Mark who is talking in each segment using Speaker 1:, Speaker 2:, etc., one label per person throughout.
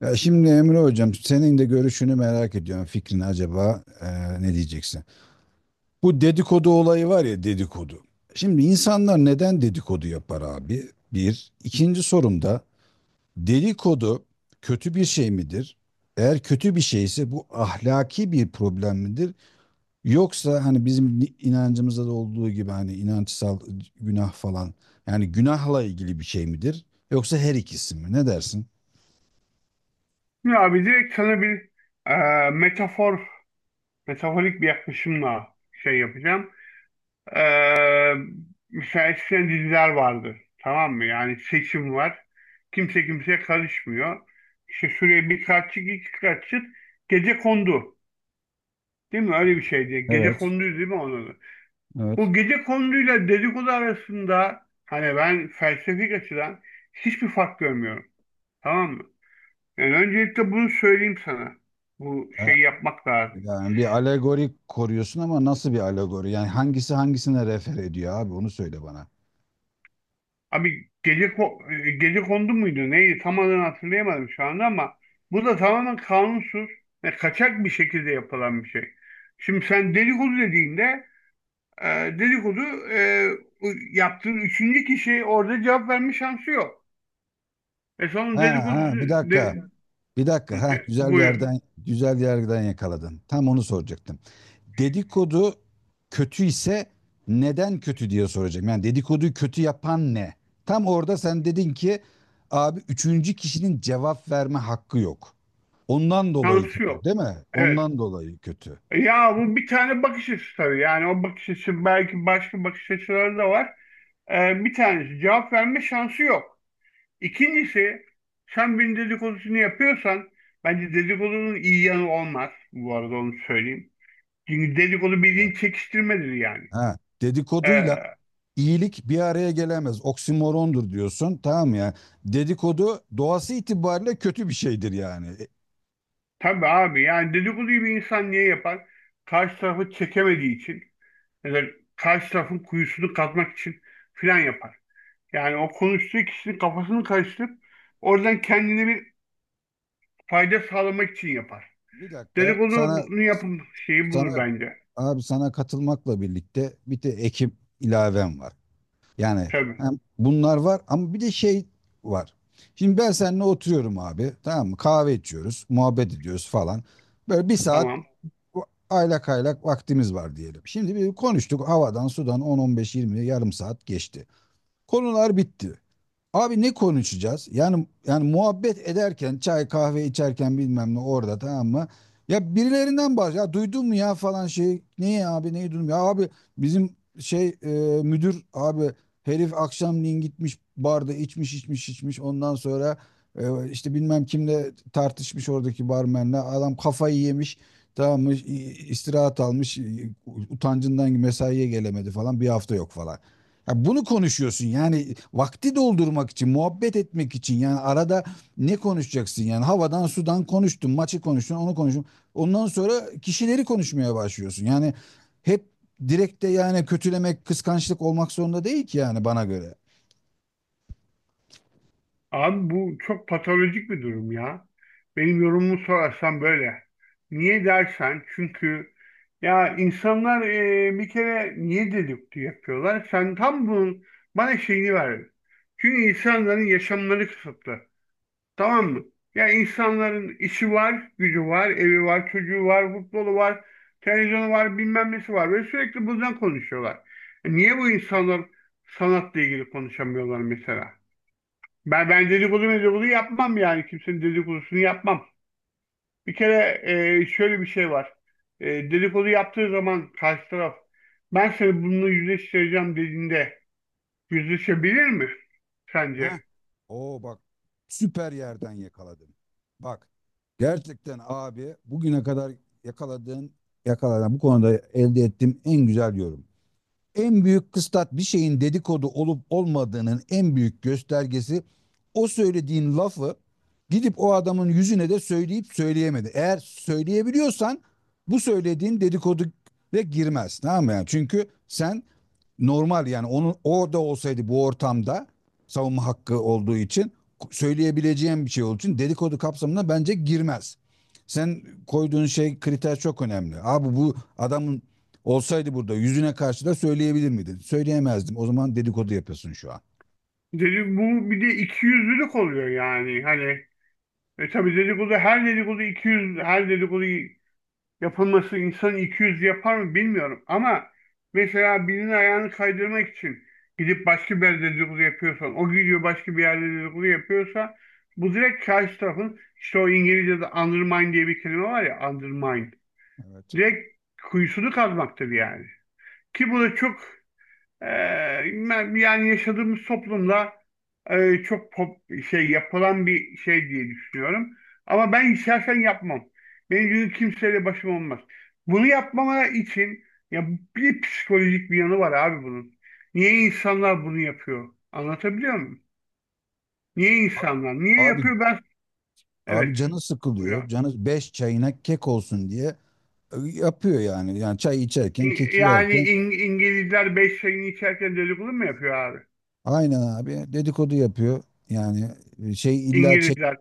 Speaker 1: Ya şimdi Emre Hocam senin de görüşünü merak ediyorum. Fikrini acaba ne diyeceksin? Bu dedikodu olayı var ya dedikodu. Şimdi insanlar neden dedikodu yapar abi? Bir. İkinci sorum da dedikodu kötü bir şey midir? Eğer kötü bir şeyse bu ahlaki bir problem midir? Yoksa hani bizim inancımızda da olduğu gibi hani inançsal günah falan yani günahla ilgili bir şey midir? Yoksa her ikisi mi? Ne dersin?
Speaker 2: Ya abi direkt sana bir e, metafor, metaforik bir yaklaşımla şey yapacağım. E, mesela eskiden diziler vardı. Tamam mı? Yani seçim var. Kimse kimseye karışmıyor. İşte şuraya bir kaççık, iki kaççık. Gece kondu. Değil mi? Öyle bir şeydi. Gece
Speaker 1: Evet.
Speaker 2: konduydu değil mi onun adı?
Speaker 1: Evet.
Speaker 2: Bu gece konduyla dedikodu arasında hani ben felsefik açıdan hiçbir fark görmüyorum. Tamam mı? Yani öncelikle bunu söyleyeyim sana. Bu
Speaker 1: Ee,
Speaker 2: şeyi yapmak lazım.
Speaker 1: Yani bir alegori koruyorsun ama nasıl bir alegori? Yani hangisi hangisine refer ediyor abi? Onu söyle bana.
Speaker 2: Abi gece kondu muydu? Neydi? Tam adını hatırlayamadım şu anda, ama bu da tamamen kanunsuz ve kaçak bir şekilde yapılan bir şey. Şimdi sen dedikodu dediğinde e, dedikodu e, yaptığın üçüncü kişi orada cevap verme şansı yok. Sonra
Speaker 1: Ha
Speaker 2: dedikodu
Speaker 1: ha, bir
Speaker 2: de,
Speaker 1: dakika. Bir dakika. Ha, güzel
Speaker 2: buyur.
Speaker 1: yerden güzel yerden yakaladın. Tam onu soracaktım. Dedikodu kötü ise neden kötü diye soracağım. Yani dedikoduyu kötü yapan ne? Tam orada sen dedin ki abi üçüncü kişinin cevap verme hakkı yok. Ondan dolayı
Speaker 2: Şansı
Speaker 1: kötü,
Speaker 2: yok.
Speaker 1: değil mi?
Speaker 2: Evet.
Speaker 1: Ondan dolayı kötü.
Speaker 2: Ya bu bir tane bakış açısı tabii. Yani o bakış açısı, belki başka bakış açıları da var. Bir tanesi, cevap verme şansı yok. İkincisi, sen bir dedikodusunu yapıyorsan bence dedikodunun iyi yanı olmaz. Bu arada onu söyleyeyim. Çünkü dedikodu bildiğin çekiştirmedir yani.
Speaker 1: Ha,
Speaker 2: Ee,
Speaker 1: dedikoduyla iyilik bir araya gelemez. Oksimorondur diyorsun. Tamam mı ya. Dedikodu doğası itibariyle kötü bir şeydir yani.
Speaker 2: tabii abi, yani dedikoduyu bir insan niye yapar? Karşı tarafı çekemediği için, ya da karşı tarafın kuyusunu kazmak için filan yapar. Yani o konuştuğu kişinin kafasını karıştırıp oradan kendine bir fayda sağlamak için yapar.
Speaker 1: Bir dakika
Speaker 2: Dedikodu
Speaker 1: sana.
Speaker 2: bunu yapım şeyi
Speaker 1: Sana
Speaker 2: bulur bence.
Speaker 1: abi, sana katılmakla birlikte bir de ekip ilavem var. Yani
Speaker 2: Tabii.
Speaker 1: hem bunlar var ama bir de şey var. Şimdi ben seninle oturuyorum abi, tamam mı? Kahve içiyoruz, muhabbet ediyoruz falan. Böyle bir saat
Speaker 2: Tamam.
Speaker 1: aylak aylak vaktimiz var diyelim. Şimdi bir konuştuk havadan sudan, 10-15-20 yarım saat geçti. Konular bitti. Abi ne konuşacağız? Yani muhabbet ederken çay kahve içerken bilmem ne orada, tamam mı? Ya birilerinden ya duydun mu ya falan şey. Neyi abi, neyi duydum ya abi bizim şey müdür abi, herif akşamleyin gitmiş barda içmiş içmiş içmiş, ondan sonra işte bilmem kimle tartışmış oradaki barmenle, adam kafayı yemiş, tamam mı? İstirahat almış, utancından mesaiye gelemedi falan, bir hafta yok falan. Ya bunu konuşuyorsun yani vakti doldurmak için, muhabbet etmek için, yani arada ne konuşacaksın yani havadan sudan konuştun, maçı konuştun, onu konuştun. Ondan sonra kişileri konuşmaya başlıyorsun. Yani hep direkt de yani kötülemek, kıskançlık olmak zorunda değil ki yani, bana göre.
Speaker 2: Abi, bu çok patolojik bir durum ya. Benim yorumumu sorarsan böyle. Niye dersen, çünkü ya insanlar bir kere niye dedikti yapıyorlar? Sen tam bunun bana şeyini ver. Çünkü insanların yaşamları kısıtlı. Tamam mı? Ya insanların işi var, gücü var, evi var, çocuğu var, futbolu var, televizyonu var, bilmem nesi var. Ve sürekli bundan konuşuyorlar. Niye bu insanlar sanatla ilgili konuşamıyorlar mesela? Ben dedikodu medikodu yapmam yani. Kimsenin dedikodusunu yapmam. Bir kere şöyle bir şey var. Dedikodu yaptığı zaman karşı taraf, ben seni bununla yüzleştireceğim dediğinde, yüzleşebilir mi sence?
Speaker 1: Ha? Oo bak, süper yerden yakaladın. Bak gerçekten abi, bugüne kadar yakaladığın yakaladığın bu konuda elde ettiğim en güzel yorum. En büyük kıstas, bir şeyin dedikodu olup olmadığının en büyük göstergesi, o söylediğin lafı gidip o adamın yüzüne de söyleyip söyleyemedi. Eğer söyleyebiliyorsan bu söylediğin dedikodu ve girmez. Tamam mı? Yani çünkü sen normal yani onun orada olsaydı bu ortamda savunma hakkı olduğu için söyleyebileceğim bir şey olduğu için dedikodu kapsamına bence girmez. Sen koyduğun şey kriter çok önemli. Abi bu adamın olsaydı burada yüzüne karşı da söyleyebilir miydin? Söyleyemezdim. O zaman dedikodu yapıyorsun şu an.
Speaker 2: Bu bir de ikiyüzlülük oluyor yani. Hani tabii dedikodu, her dedikodu iki yüz, her dedikodu yapılması insan 200 yapar mı bilmiyorum, ama mesela birinin ayağını kaydırmak için gidip başka bir yerde dedikodu yapıyorsan, o gidiyor başka bir yerde dedikodu yapıyorsa, bu direkt karşı tarafın, işte o İngilizce'de undermine diye bir kelime var ya, undermine,
Speaker 1: Evet.
Speaker 2: direkt kuyusunu kazmaktır yani. Ki bu da çok ee, yani yaşadığımız toplumda çok şey yapılan bir şey diye düşünüyorum. Ama ben şahsen yapmam. Benim gibi kimseyle başım olmaz. Bunu yapmama için, ya, bir psikolojik bir yanı var abi bunun. Niye insanlar bunu yapıyor? Anlatabiliyor muyum? Niye
Speaker 1: A-
Speaker 2: insanlar? Niye
Speaker 1: Abi
Speaker 2: yapıyor ben?
Speaker 1: abi
Speaker 2: Evet.
Speaker 1: canı sıkılıyor.
Speaker 2: Buyurun.
Speaker 1: Canı beş çayına kek olsun diye yapıyor yani. Yani çay içerken, keki yerken.
Speaker 2: İngilizler beş çayını içerken dedikodu mu yapıyor abi?
Speaker 1: Aynen abi, dedikodu yapıyor. Yani şey, illa
Speaker 2: İngilizler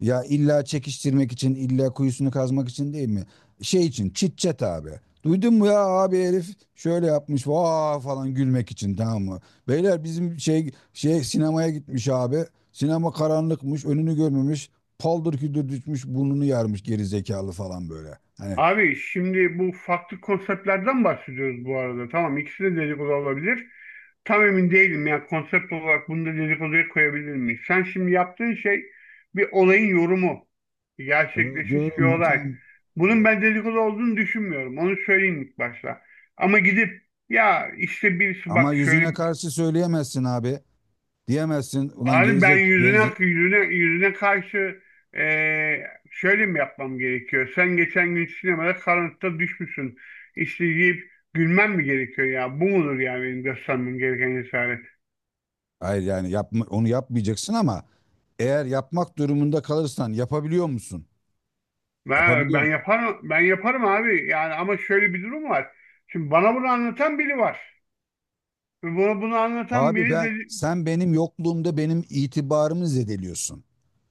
Speaker 1: ya illa çekiştirmek için, illa kuyusunu kazmak için değil mi? Şey için, chit chat abi. Duydun mu ya abi, herif şöyle yapmış vaa falan, gülmek için tamam mı? Beyler bizim şey sinemaya gitmiş abi. Sinema karanlıkmış önünü görmemiş. Paldır küldür düşmüş, burnunu yarmış, geri zekalı falan böyle. Hani,
Speaker 2: Abi şimdi bu farklı konseptlerden bahsediyoruz bu arada. Tamam, ikisi de dedikodu olabilir. Tam emin değilim ya, konsept olarak bunu da dedikoduya koyabilir miyiz? Sen şimdi yaptığın şey bir olayın yorumu.
Speaker 1: evet,
Speaker 2: Gerçekleşmiş
Speaker 1: doğru
Speaker 2: bir
Speaker 1: mu,
Speaker 2: olay.
Speaker 1: tamam.
Speaker 2: Bunun
Speaker 1: Evet.
Speaker 2: ben dedikodu olduğunu düşünmüyorum. Onu söyleyeyim ilk başta. Ama gidip, ya işte birisi
Speaker 1: Ama
Speaker 2: bak
Speaker 1: yüzüne
Speaker 2: şöyle.
Speaker 1: karşı söyleyemezsin abi. Diyemezsin ulan
Speaker 2: Abi ben
Speaker 1: gerizek.
Speaker 2: yüzüne karşı şöyle mi yapmam gerekiyor? Sen geçen gün sinemada karanlıkta düşmüşsün, İşte deyip gülmem mi gerekiyor ya? Bu mudur yani benim göstermem gereken cesaret?
Speaker 1: Hayır yani yapma, onu yapmayacaksın ama eğer yapmak durumunda kalırsan yapabiliyor musun?
Speaker 2: Ben
Speaker 1: Yapabiliyor.
Speaker 2: yaparım, ben yaparım abi. Yani, ama şöyle bir durum var. Şimdi bana bunu anlatan biri var. Ve bunu anlatan
Speaker 1: Abi
Speaker 2: biri de.
Speaker 1: sen benim yokluğumda benim itibarımı zedeliyorsun.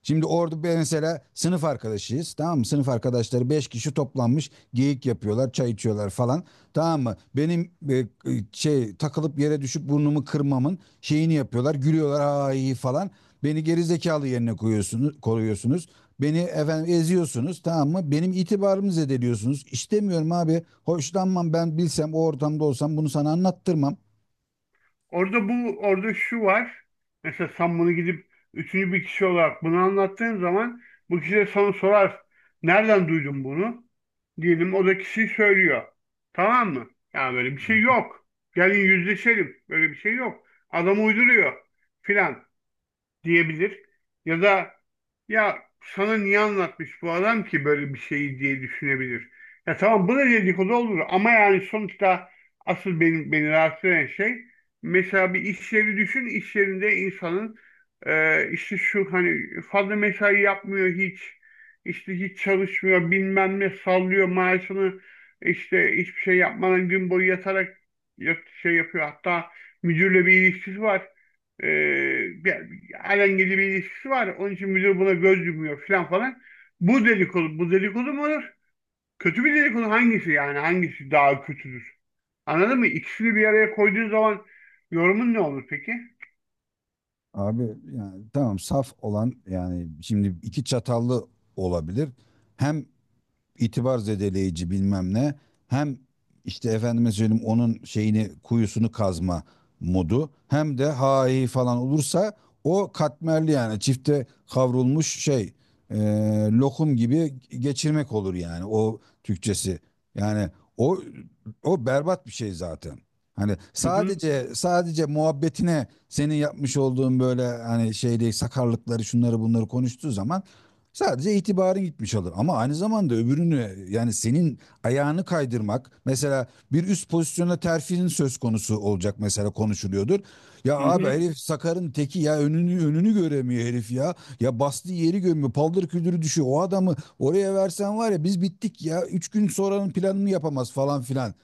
Speaker 1: Şimdi orada ben mesela sınıf arkadaşıyız tamam mı? Sınıf arkadaşları 5 kişi toplanmış geyik yapıyorlar, çay içiyorlar falan, tamam mı? Benim şey takılıp yere düşüp burnumu kırmamın şeyini yapıyorlar, gülüyorlar, ha iyi falan. Beni gerizekalı yerine koyuyorsunuz, koruyorsunuz. Beni efendim eziyorsunuz, tamam mı? Benim itibarımı zedeliyorsunuz. İstemiyorum abi. Hoşlanmam, ben bilsem o ortamda olsam bunu sana anlattırmam.
Speaker 2: Orada şu var. Mesela sen bunu gidip üçüncü bir kişi olarak bunu anlattığın zaman, bu kişi de sana sorar. Nereden duydun bunu? Diyelim o da kişi söylüyor. Tamam mı? Ya böyle bir şey yok. Gelin yüzleşelim. Böyle bir şey yok. Adam uyduruyor filan diyebilir. Ya da, ya sana niye anlatmış bu adam ki böyle bir şeyi, diye düşünebilir. Ya tamam, bu da dedikodu olur, ama yani sonuçta asıl beni rahatsız eden şey, mesela bir iş yeri düşün, iş yerinde insanın işte şu hani fazla mesai yapmıyor hiç, işte hiç çalışmıyor, bilmem ne sallıyor maaşını, işte hiçbir şey yapmadan gün boyu yatarak şey yapıyor, hatta müdürle bir ilişkisi var. Ee, bir, alengili bir ilişkisi var. Onun için müdür buna göz yumuyor falan falan. Bu dedikodu mu olur? Kötü bir dedikodu hangisi yani? Hangisi daha kötüdür? Anladın mı? İkisini bir araya koyduğun zaman yorumun ne olur peki?
Speaker 1: Abi yani tamam, saf olan yani şimdi iki çatallı olabilir. Hem itibar zedeleyici bilmem ne. Hem işte efendime söyleyeyim onun şeyini, kuyusunu kazma modu, hem de hahi falan olursa o katmerli yani çifte kavrulmuş şey, e, lokum gibi geçirmek olur yani, o Türkçesi. Yani o o berbat bir şey zaten. Hani
Speaker 2: Hı hı,
Speaker 1: sadece muhabbetine senin yapmış olduğun böyle hani şey değil, sakarlıkları şunları bunları konuştuğu zaman. Sadece itibarı gitmiş olur ama aynı zamanda öbürünü, yani senin ayağını kaydırmak mesela, bir üst pozisyona terfinin söz konusu olacak mesela, konuşuluyordur. Ya
Speaker 2: hı
Speaker 1: abi
Speaker 2: hı.
Speaker 1: herif Sakar'ın teki ya, önünü göremiyor herif ya. Ya bastığı yeri görmüyor, paldır küldürü düşüyor. O adamı oraya versen var ya biz bittik ya, 3 gün sonranın planını yapamaz falan filan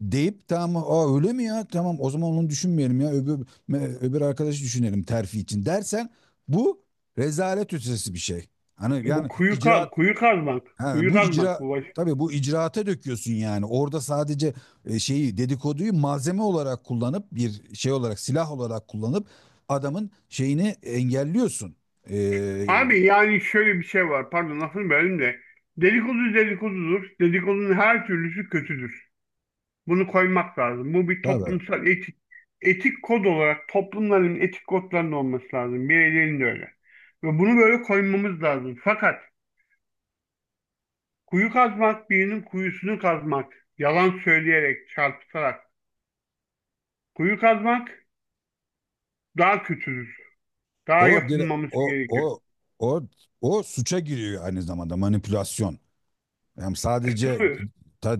Speaker 1: deyip, tamam aa öyle mi ya, tamam o zaman onu düşünmeyelim, ya öbür, öbür arkadaşı düşünelim terfi için dersen, bu rezalet ötesi bir şey. Hani
Speaker 2: Bu
Speaker 1: yani
Speaker 2: kuyu, ka-
Speaker 1: icraat,
Speaker 2: kuyu kazmak.
Speaker 1: ha,
Speaker 2: Kuyu
Speaker 1: bu
Speaker 2: kazmak
Speaker 1: icra
Speaker 2: bu baş.
Speaker 1: tabii bu icraata döküyorsun yani, orada sadece şeyi, dedikoduyu malzeme olarak kullanıp, bir şey olarak, silah olarak kullanıp adamın şeyini engelliyorsun. Ee,
Speaker 2: Abi yani şöyle bir şey var. Pardon lafını böldüm de. Dedikodu dedikodudur. Dedikodunun her türlüsü kötüdür. Bunu koymak lazım. Bu bir
Speaker 1: tabii
Speaker 2: toplumsal etik kod olarak toplumların etik kodlarının olması lazım. Bireylerin de öyle. Ve bunu böyle koymamız lazım. Fakat kuyu kazmak, birinin kuyusunu kazmak, yalan söyleyerek, çarpıtarak kuyu kazmak, daha kötüdür. Daha
Speaker 1: o dire-
Speaker 2: yapılmaması
Speaker 1: o
Speaker 2: gerekir.
Speaker 1: o o o suça giriyor aynı zamanda, manipülasyon. Yani
Speaker 2: E,
Speaker 1: sadece
Speaker 2: tabii.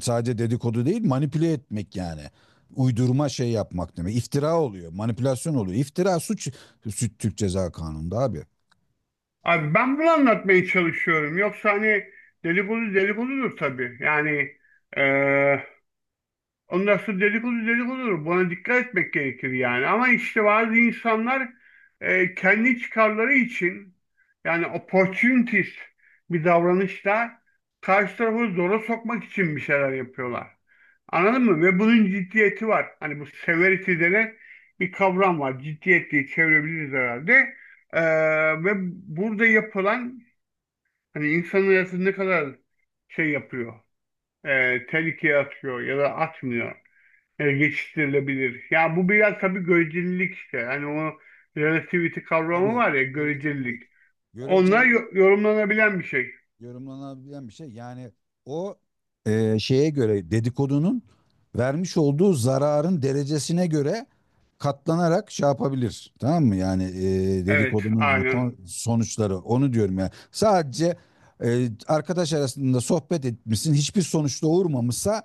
Speaker 1: sadece dedikodu değil, manipüle etmek yani. Uydurma şey yapmak demek. İftira oluyor. Manipülasyon oluyor. İftira suç, suç Türk Ceza Kanunu'nda abi.
Speaker 2: Abi ben bunu anlatmaya çalışıyorum. Yoksa hani deli bulu deli buludur tabii. Yani. e, Ondan sonra dedikodu dedikodudur. Buna dikkat etmek gerekir yani. Ama işte bazı insanlar kendi çıkarları için, yani opportunist bir davranışla karşı tarafı zora sokmak için bir şeyler yapıyorlar. Anladın mı? Ve bunun ciddiyeti var. Hani bu severity denen bir kavram var. Ciddiyet diye çevirebiliriz herhalde. E, ve burada yapılan, hani insanın hayatını ne kadar şey yapıyor, tehlikeye atıyor ya da atmıyor, geçiştirilebilir. Ya bu biraz tabii görecelilik işte. Hani o relativity kavramı
Speaker 1: Tabii.
Speaker 2: var ya,
Speaker 1: Görecelilik.
Speaker 2: görecelilik. Onlar
Speaker 1: Görecelilik.
Speaker 2: yorumlanabilen bir şey.
Speaker 1: Yorumlanabilen bir şey. Yani o şeye göre, dedikodunun vermiş olduğu zararın derecesine göre katlanarak şey yapabilir. Tamam mı? Yani
Speaker 2: Evet,
Speaker 1: dedikodunun
Speaker 2: aynen.
Speaker 1: sonuçları, onu diyorum yani. Sadece arkadaş arasında sohbet etmişsin hiçbir sonuçta doğurmamışsa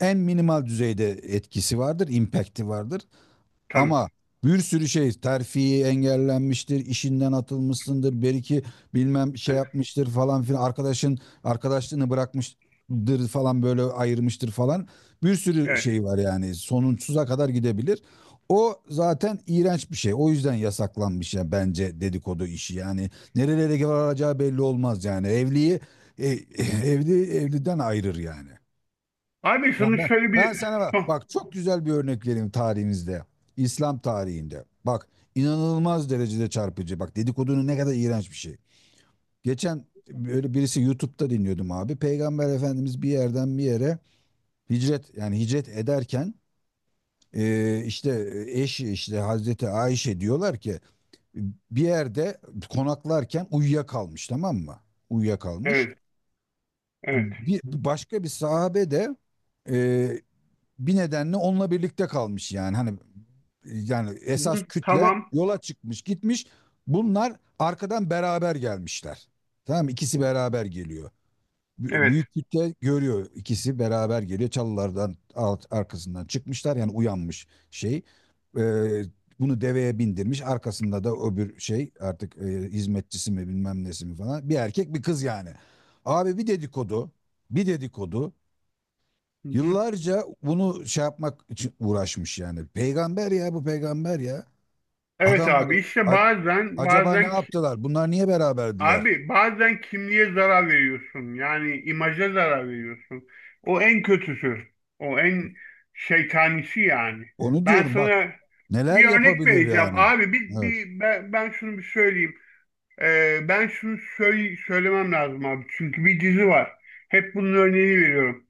Speaker 1: en minimal düzeyde etkisi vardır, impact'i vardır.
Speaker 2: Tabii.
Speaker 1: Ama bir sürü şey terfi engellenmiştir, işinden atılmışsındır, bir iki bilmem şey
Speaker 2: Evet.
Speaker 1: yapmıştır falan filan, arkadaşın arkadaşlığını bırakmıştır falan böyle, ayırmıştır falan. Bir sürü
Speaker 2: Evet.
Speaker 1: şey var, yani sonsuza kadar gidebilir. O zaten iğrenç bir şey. O yüzden yasaklanmış ya bence dedikodu işi. Yani nerelere varacağı belli olmaz yani. E, Evli evliden ayırır yani.
Speaker 2: Abi
Speaker 1: Ya
Speaker 2: şunu
Speaker 1: ben,
Speaker 2: şöyle
Speaker 1: ben
Speaker 2: bir
Speaker 1: sana bak,
Speaker 2: son.
Speaker 1: bak çok güzel bir örnek vereyim tarihimizde. İslam tarihinde. Bak inanılmaz derecede çarpıcı. Bak dedikodunun ne kadar iğrenç bir şey. Geçen böyle birisi YouTube'da dinliyordum abi. Peygamber Efendimiz bir yerden bir yere hicret, yani hicret ederken işte eşi, işte Hazreti Ayşe, diyorlar ki bir yerde konaklarken uyuyakalmış tamam mı? Uyuyakalmış.
Speaker 2: Evet. Evet.
Speaker 1: Başka bir sahabe de e, bir nedenle onunla birlikte kalmış, yani hani yani esas
Speaker 2: Hı-hı.
Speaker 1: kütle
Speaker 2: Tamam.
Speaker 1: yola çıkmış gitmiş, bunlar arkadan beraber gelmişler, tamam mı? İkisi beraber geliyor.
Speaker 2: Evet.
Speaker 1: Büyük kütle görüyor, ikisi beraber geliyor çalılardan, arkasından çıkmışlar yani, uyanmış şey. Ee, Bunu deveye bindirmiş, arkasında da öbür şey artık hizmetçisi mi bilmem nesi mi falan, bir erkek bir kız yani, abi bir dedikodu, bir dedikodu.
Speaker 2: Hı-hı.
Speaker 1: Yıllarca bunu şey yapmak için uğraşmış yani. Peygamber ya, bu peygamber ya.
Speaker 2: Evet
Speaker 1: Adamlar
Speaker 2: abi, işte
Speaker 1: a-
Speaker 2: bazen
Speaker 1: acaba ne
Speaker 2: bazen.
Speaker 1: yaptılar? Bunlar niye beraberdiler?
Speaker 2: Abi bazen kimliğe zarar veriyorsun. Yani imaja zarar veriyorsun. O en kötüsü. O en şeytanisi yani.
Speaker 1: Onu
Speaker 2: Ben
Speaker 1: diyorum bak,
Speaker 2: sana
Speaker 1: neler
Speaker 2: bir örnek
Speaker 1: yapabilir
Speaker 2: vereceğim.
Speaker 1: yani.
Speaker 2: Abi bir,
Speaker 1: Evet.
Speaker 2: bir ben şunu bir söyleyeyim. Ben şunu söylemem lazım abi. Çünkü bir dizi var. Hep bunun örneğini veriyorum.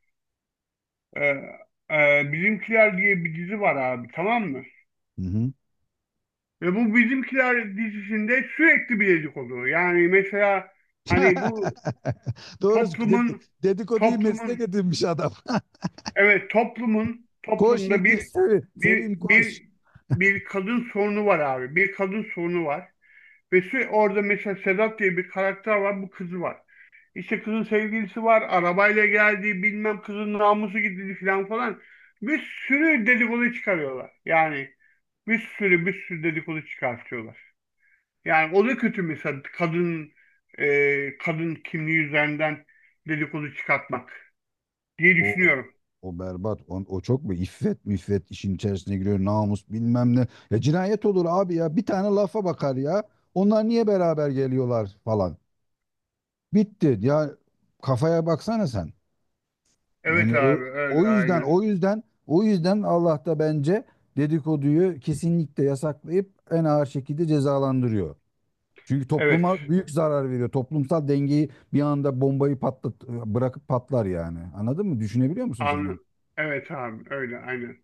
Speaker 2: Ee, Bizimkiler diye bir dizi var abi, tamam mı?
Speaker 1: Hı hı.
Speaker 2: Ve bu Bizimkiler dizisinde sürekli bir dedik oluyor. Yani mesela hani bu
Speaker 1: Doğru
Speaker 2: toplumun
Speaker 1: dedikoduyu meslek
Speaker 2: toplumun
Speaker 1: edinmiş adam.
Speaker 2: evet,
Speaker 1: Koş
Speaker 2: toplumda
Speaker 1: yetiş Sevim,
Speaker 2: bir
Speaker 1: Sevim koş.
Speaker 2: bir bir kadın sorunu var abi. Bir kadın sorunu var. Ve orada mesela Sedat diye bir karakter var. Bu, kızı var. İşte kızın sevgilisi var. Arabayla geldi. Bilmem kızın namusu gidildi falan falan. Bir sürü dedikodu çıkarıyorlar. Yani bir sürü bir sürü dedikodu çıkartıyorlar. Yani o da kötü, mesela kadın kimliği üzerinden dedikodu çıkartmak diye düşünüyorum.
Speaker 1: O berbat. O çok mu? İffet müffet işin içerisine giriyor. Namus bilmem ne. Ya cinayet olur abi ya. Bir tane lafa bakar ya. Onlar niye beraber geliyorlar falan. Bitti. Ya kafaya baksana sen.
Speaker 2: Evet
Speaker 1: Yani o,
Speaker 2: abi,
Speaker 1: o
Speaker 2: öyle
Speaker 1: yüzden
Speaker 2: aynen.
Speaker 1: o yüzden o yüzden Allah da bence dedikoduyu kesinlikle yasaklayıp en ağır şekilde cezalandırıyor. Çünkü
Speaker 2: Evet.
Speaker 1: topluma büyük zarar veriyor. Toplumsal dengeyi bir anda bombayı patlat bırakıp patlar yani. Anladın mı? Düşünebiliyor musun sen onu?
Speaker 2: An evet abi, öyle aynen.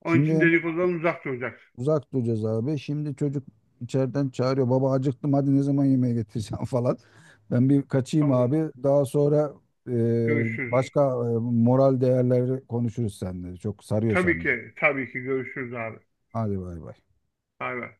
Speaker 2: Onun için
Speaker 1: Şimdi
Speaker 2: dedikodudan uzak duracaksın.
Speaker 1: uzak duracağız abi. Şimdi çocuk içeriden çağırıyor. Baba acıktım, hadi ne zaman yemeğe getireceğim, falan. Ben bir kaçayım
Speaker 2: Tamam.
Speaker 1: abi. Daha sonra e,
Speaker 2: Görüşürüz.
Speaker 1: başka moral değerleri konuşuruz seninle. Çok sarıyor
Speaker 2: Tabii
Speaker 1: seni.
Speaker 2: ki tabii ki görüşürüz abi.
Speaker 1: Hadi bay bay.
Speaker 2: Bay bay.